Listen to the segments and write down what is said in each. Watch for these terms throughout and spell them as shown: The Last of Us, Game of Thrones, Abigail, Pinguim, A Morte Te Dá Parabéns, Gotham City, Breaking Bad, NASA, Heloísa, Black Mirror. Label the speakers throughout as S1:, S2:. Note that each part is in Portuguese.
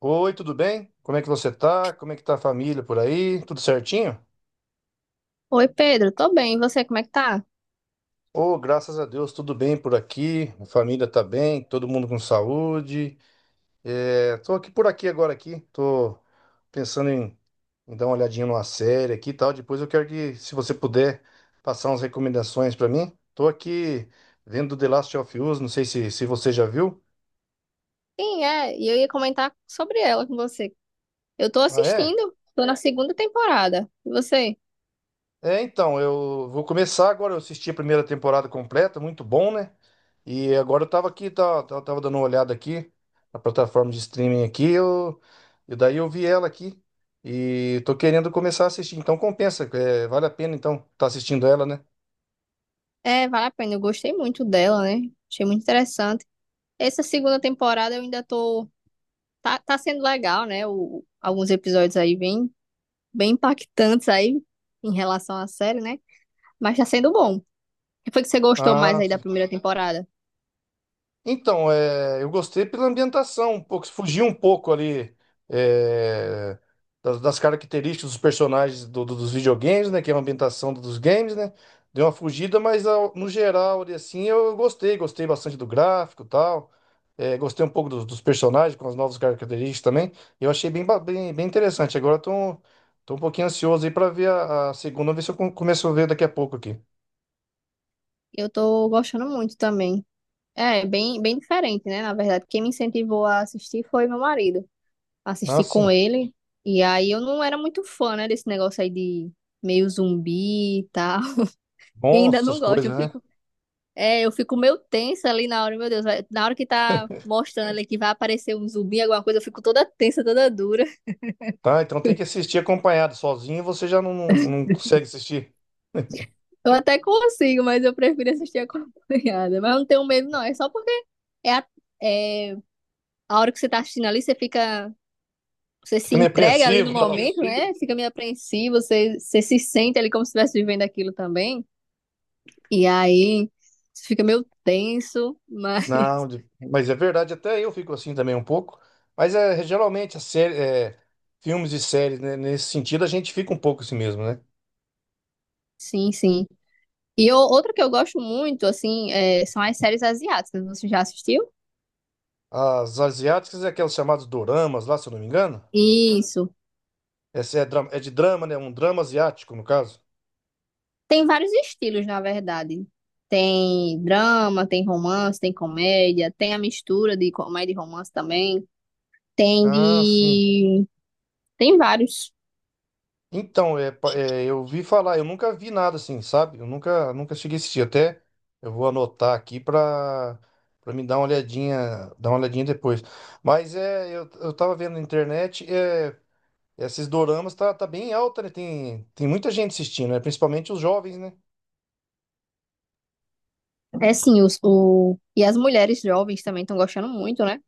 S1: Oi, tudo bem? Como é que você tá? Como é que tá a família por aí? Tudo certinho?
S2: Oi, Pedro, tô bem. E você, como é que tá?
S1: Oh, graças a Deus, tudo bem por aqui. A família tá bem, todo mundo com saúde. É, tô aqui por aqui agora aqui. Tô pensando em dar uma olhadinha numa série aqui e tal. Depois eu quero que, se você puder, passar umas recomendações pra mim. Tô aqui vendo The Last of Us, não sei se você já viu.
S2: Sim, é, e eu ia comentar sobre ela com você. Eu tô
S1: Ah, é?
S2: assistindo, tô na segunda temporada. E você?
S1: É, então, eu vou começar agora. Eu assisti a primeira temporada completa, muito bom, né? E agora eu tava dando uma olhada aqui na plataforma de streaming aqui, e daí eu vi ela aqui e tô querendo começar a assistir. Então compensa, é, vale a pena então tá assistindo ela, né?
S2: É, vale a pena. Eu gostei muito dela, né? Achei muito interessante. Essa segunda temporada eu ainda tô. Tá, tá sendo legal, né? O, alguns episódios aí bem, bem impactantes aí em relação à série, né? Mas tá sendo bom. O que foi que você gostou mais
S1: Ah,
S2: aí da primeira temporada?
S1: então, é, eu gostei pela ambientação, um pouco, fugiu um pouco ali é, das características dos personagens dos videogames, né? Que é uma ambientação dos games, né? Deu uma fugida, mas no geral, ali, assim, eu gostei, gostei bastante do gráfico e tal. É, gostei um pouco dos personagens, com as novas características também. Eu achei bem interessante. Agora tô um pouquinho ansioso aí para ver a segunda, ver se eu começo a ver daqui a pouco aqui.
S2: Eu tô gostando muito também. É, bem, bem diferente, né? Na verdade, quem me incentivou a assistir foi meu marido.
S1: Ah,
S2: Assistir com
S1: sim.
S2: ele. E aí eu não era muito fã, né, desse negócio aí de meio zumbi e tal. E
S1: Bom,
S2: ainda não
S1: essas
S2: gosto, eu
S1: coisas, né?
S2: fico, eu fico meio tensa ali na hora, meu Deus, vai- na hora que tá mostrando ali que vai aparecer um zumbi, alguma coisa, eu fico toda tensa, toda dura.
S1: Tá, então tem que assistir acompanhado. Sozinho você já não, não, não consegue assistir.
S2: Eu até consigo, mas eu prefiro assistir acompanhada. Mas eu não tenho medo, não, é só porque é a, é a hora que você tá assistindo ali, você fica, você se
S1: Fica meio
S2: entrega ali no
S1: apreensivo e tal.
S2: momento, né? Fica meio apreensivo, você, você se sente ali como se estivesse vivendo aquilo também. E aí você fica meio tenso, mas
S1: Não, mas é verdade, até eu fico assim também um pouco. Mas é, geralmente as série, é, filmes e séries, né, nesse sentido, a gente fica um pouco assim mesmo, né?
S2: sim, sim. E outro que eu gosto muito, assim, é, são as séries asiáticas. Você já assistiu?
S1: As asiáticas é aquelas chamadas doramas lá, se eu não me engano.
S2: Isso.
S1: Essa é de drama, né? Um drama asiático, no caso.
S2: Tem vários estilos, na verdade. Tem drama, tem romance, tem comédia, tem a mistura de comédia e romance também. Tem
S1: Ah, sim.
S2: de. Tem vários.
S1: Então, é, eu vi falar, eu nunca vi nada assim, sabe? Eu nunca, nunca cheguei a assistir. Até eu vou anotar aqui pra para me dar uma olhadinha depois. Mas é, eu tava vendo na internet, é, esses doramas tá bem alta, né? Tem muita gente assistindo, né? Principalmente os jovens, né?
S2: É sim, e as mulheres jovens também estão gostando muito, né?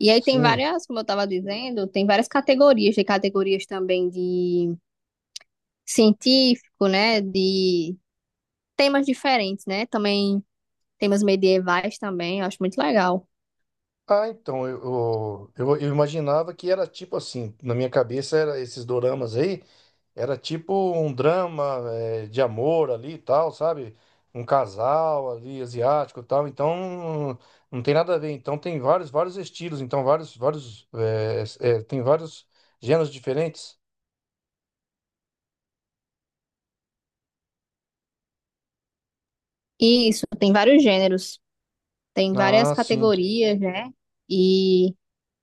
S2: E aí tem
S1: Sim.
S2: várias, como eu estava dizendo, tem várias categorias, tem categorias também de científico, né? De temas diferentes, né? Também temas medievais também, eu acho muito legal.
S1: Ah, então, eu imaginava que era tipo assim, na minha cabeça era esses doramas aí. Era tipo um drama de amor ali e tal, sabe? Um casal ali asiático e tal. Então não tem nada a ver. Então tem vários, vários estilos. Então tem vários gêneros diferentes.
S2: Isso, tem vários gêneros, tem várias
S1: Ah, sim.
S2: categorias, né? E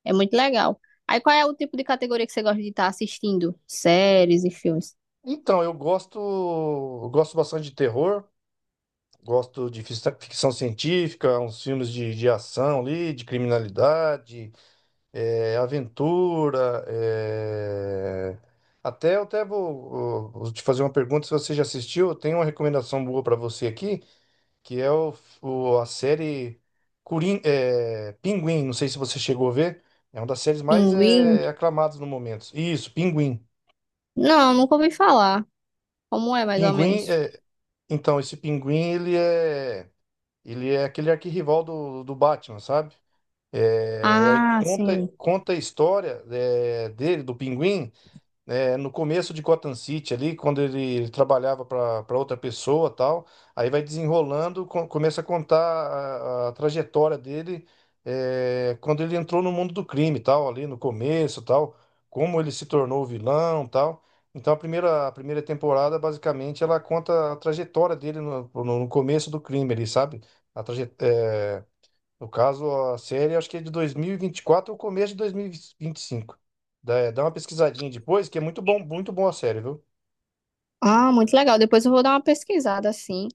S2: é muito legal. Aí qual é o tipo de categoria que você gosta de estar assistindo? Séries e filmes?
S1: Então eu gosto bastante de terror. Gosto de ficção científica, uns filmes de ação ali, de criminalidade. Aventura, é, até eu até vou te fazer uma pergunta se você já assistiu. Eu tenho uma recomendação boa para você aqui, que é a série Pinguim. Não sei se você chegou a ver. É uma das séries mais
S2: Pinguim?
S1: aclamadas no momento. Isso, Pinguim.
S2: Não, nunca ouvi falar. Como é, mais ou
S1: Pinguim
S2: menos?
S1: é, esse Pinguim, ele é aquele arquirrival do Batman, sabe? Aí
S2: Ah,
S1: conta
S2: sim.
S1: conta a história dele do Pinguim. No começo de Gotham City ali, quando ele trabalhava para outra pessoa tal, aí vai desenrolando, começa a contar a trajetória dele quando ele entrou no mundo do crime tal, ali no começo tal, como ele se tornou vilão tal. Então a primeira temporada, basicamente, ela conta a trajetória dele no começo do crime ali, sabe? A trajetória. No caso, a série acho que é de dois mil e vinte e quatro ou começo de dois mil e vinte e cinco. Dá uma pesquisadinha depois, que é muito bom a série, viu?
S2: Ah, muito legal. Depois eu vou dar uma pesquisada assim.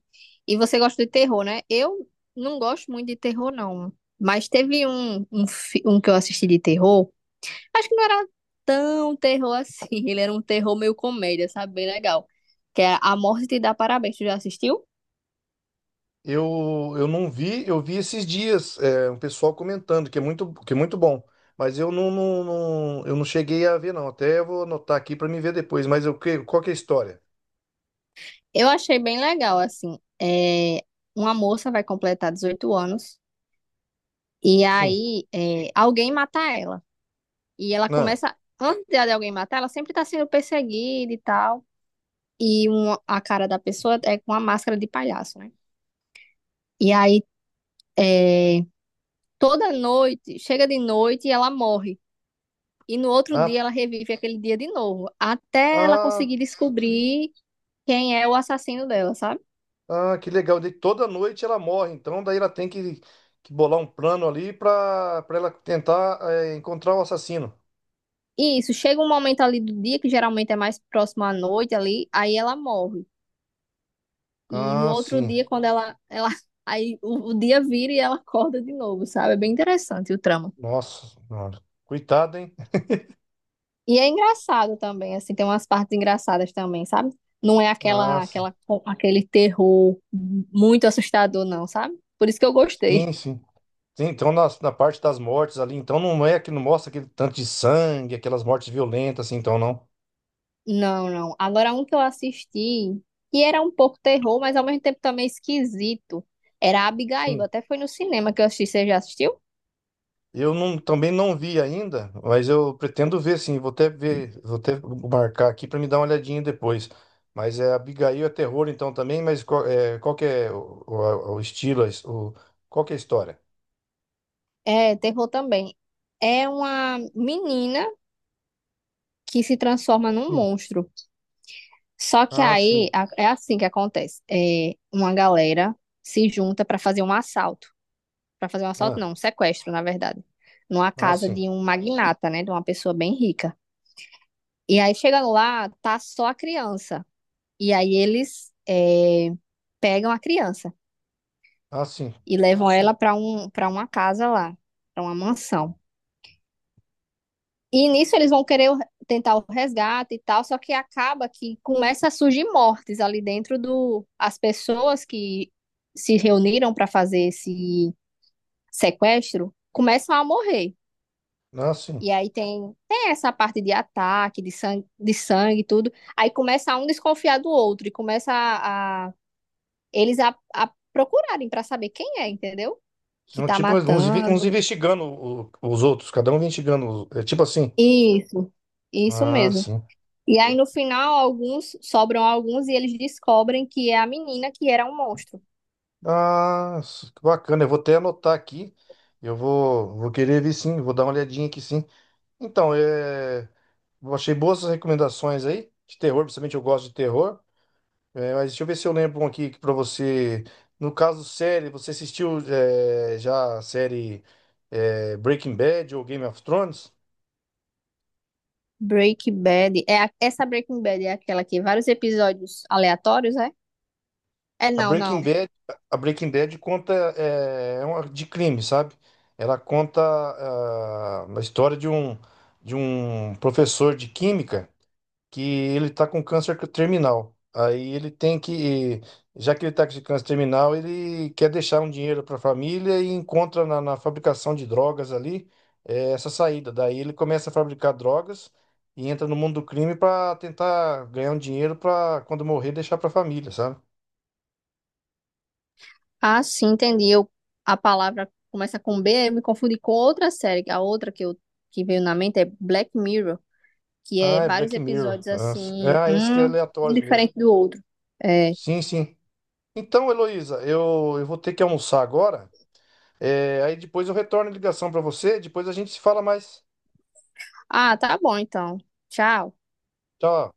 S2: E você gosta de terror, né? Eu não gosto muito de terror, não. Mas teve um que eu assisti de terror. Acho que não era tão terror assim. Ele era um terror meio comédia, sabe? Bem legal. Que é A Morte Te Dá Parabéns. Tu já assistiu?
S1: Eu não vi, eu vi esses dias, é, um pessoal comentando que é muito bom. Mas eu eu não cheguei a ver, não. Até vou anotar aqui para me ver depois. Mas qual que é a história?
S2: Eu achei bem legal, assim. É, uma moça vai completar 18 anos. E
S1: Sim.
S2: aí, alguém mata ela. E ela
S1: Ah,
S2: começa. Antes de alguém matar, ela sempre tá sendo perseguida e tal. A cara da pessoa é com a máscara de palhaço, né? E aí, é, toda noite, chega de noite e ela morre. E no outro
S1: ah,
S2: dia ela revive aquele dia de novo, até ela
S1: ah,
S2: conseguir descobrir quem é o assassino dela, sabe?
S1: ah, que legal. De toda noite ela morre, então daí ela tem que bolar um plano ali pra para ela tentar encontrar o assassino.
S2: E isso, chega um momento ali do dia, que geralmente é mais próximo à noite ali, aí ela morre. E no
S1: Ah,
S2: outro
S1: sim.
S2: dia, quando ela aí o dia vira e ela acorda de novo, sabe? É bem interessante o trama.
S1: Nossa senhora. Coitado, hein?
S2: E é engraçado também, assim, tem umas partes engraçadas também, sabe? Não é
S1: Ah, sim.
S2: aquele terror muito assustador, não, sabe? Por isso que eu gostei.
S1: Sim, sim. Sim, então na parte das mortes ali, então não é que não mostra aquele tanto de sangue, aquelas mortes violentas, assim, então não.
S2: Não, não. Agora, um que eu assisti, que era um pouco terror, mas ao mesmo tempo também esquisito, era Abigail.
S1: Sim.
S2: Até foi no cinema que eu assisti. Você já assistiu?
S1: Eu não, também não vi ainda, mas eu pretendo ver sim. Vou até ver, vou até marcar aqui para me dar uma olhadinha depois. Mas Abigail é terror então também, mas qual que é o estilo, qual que é a história?
S2: É, terror também. É uma menina que se transforma num
S1: Sim.
S2: monstro. Só que
S1: Ah,
S2: aí,
S1: sim.
S2: é assim que acontece. É, uma galera se junta pra fazer um assalto. Para fazer um assalto,
S1: Ah,
S2: não, um sequestro, na verdade, numa
S1: ah,
S2: casa
S1: sim.
S2: de um magnata, né, de uma pessoa bem rica. E aí chegando lá, tá só a criança. E aí pegam a criança
S1: Ah, sim.
S2: e levam ela para para uma casa lá, para uma mansão. E nisso eles vão querer tentar o resgate e tal, só que acaba que começa a surgir mortes ali dentro do as pessoas que se reuniram para fazer esse sequestro começam a morrer.
S1: Ah, sim.
S2: E aí tem, tem essa parte de ataque, de sangue e tudo. Aí começa um desconfiar do outro e começa eles a procurarem pra saber quem é, entendeu? Que
S1: São
S2: tá
S1: tipo uns
S2: matando.
S1: investigando os outros, cada um investigando. É tipo assim.
S2: Isso, isso
S1: Ah,
S2: mesmo.
S1: sim.
S2: E aí no final alguns sobram alguns e eles descobrem que é a menina que era um monstro.
S1: Ah, que bacana. Eu vou até anotar aqui. Eu vou querer ver sim, vou dar uma olhadinha aqui sim. Então, eu achei boas essas recomendações aí, de terror, principalmente eu gosto de terror. É, mas deixa eu ver se eu lembro um aqui para você. No caso, série, você assistiu já a série Breaking Bad ou Game of Thrones?
S2: Breaking Bad, é essa Breaking Bad é aquela que vários episódios aleatórios, é? É
S1: A
S2: não,
S1: Breaking
S2: não.
S1: Bad, a Breaking Bad conta é uma de crime, sabe? Ela conta a história de de um professor de química. Que ele tá com câncer terminal. Aí ele tem que, já que ele tá com câncer terminal, ele quer deixar um dinheiro para a família e encontra na fabricação de drogas ali essa saída. Daí ele começa a fabricar drogas e entra no mundo do crime para tentar ganhar um dinheiro para quando morrer deixar para a família, sabe?
S2: Ah, sim, entendi. Eu, a palavra começa com B, eu me confundi com outra série. A outra que, eu, que veio na mente é Black Mirror, que é
S1: Ah, é
S2: vários
S1: Black Mirror.
S2: episódios
S1: Nossa. É,
S2: assim,
S1: esse que é
S2: um
S1: aleatórios mesmo.
S2: diferente do outro. É.
S1: Sim, sim. Então, Heloísa, eu vou ter que almoçar agora. Aí depois eu retorno a ligação para você, depois a gente se fala mais.
S2: Ah, tá bom então. Tchau.
S1: Tchau.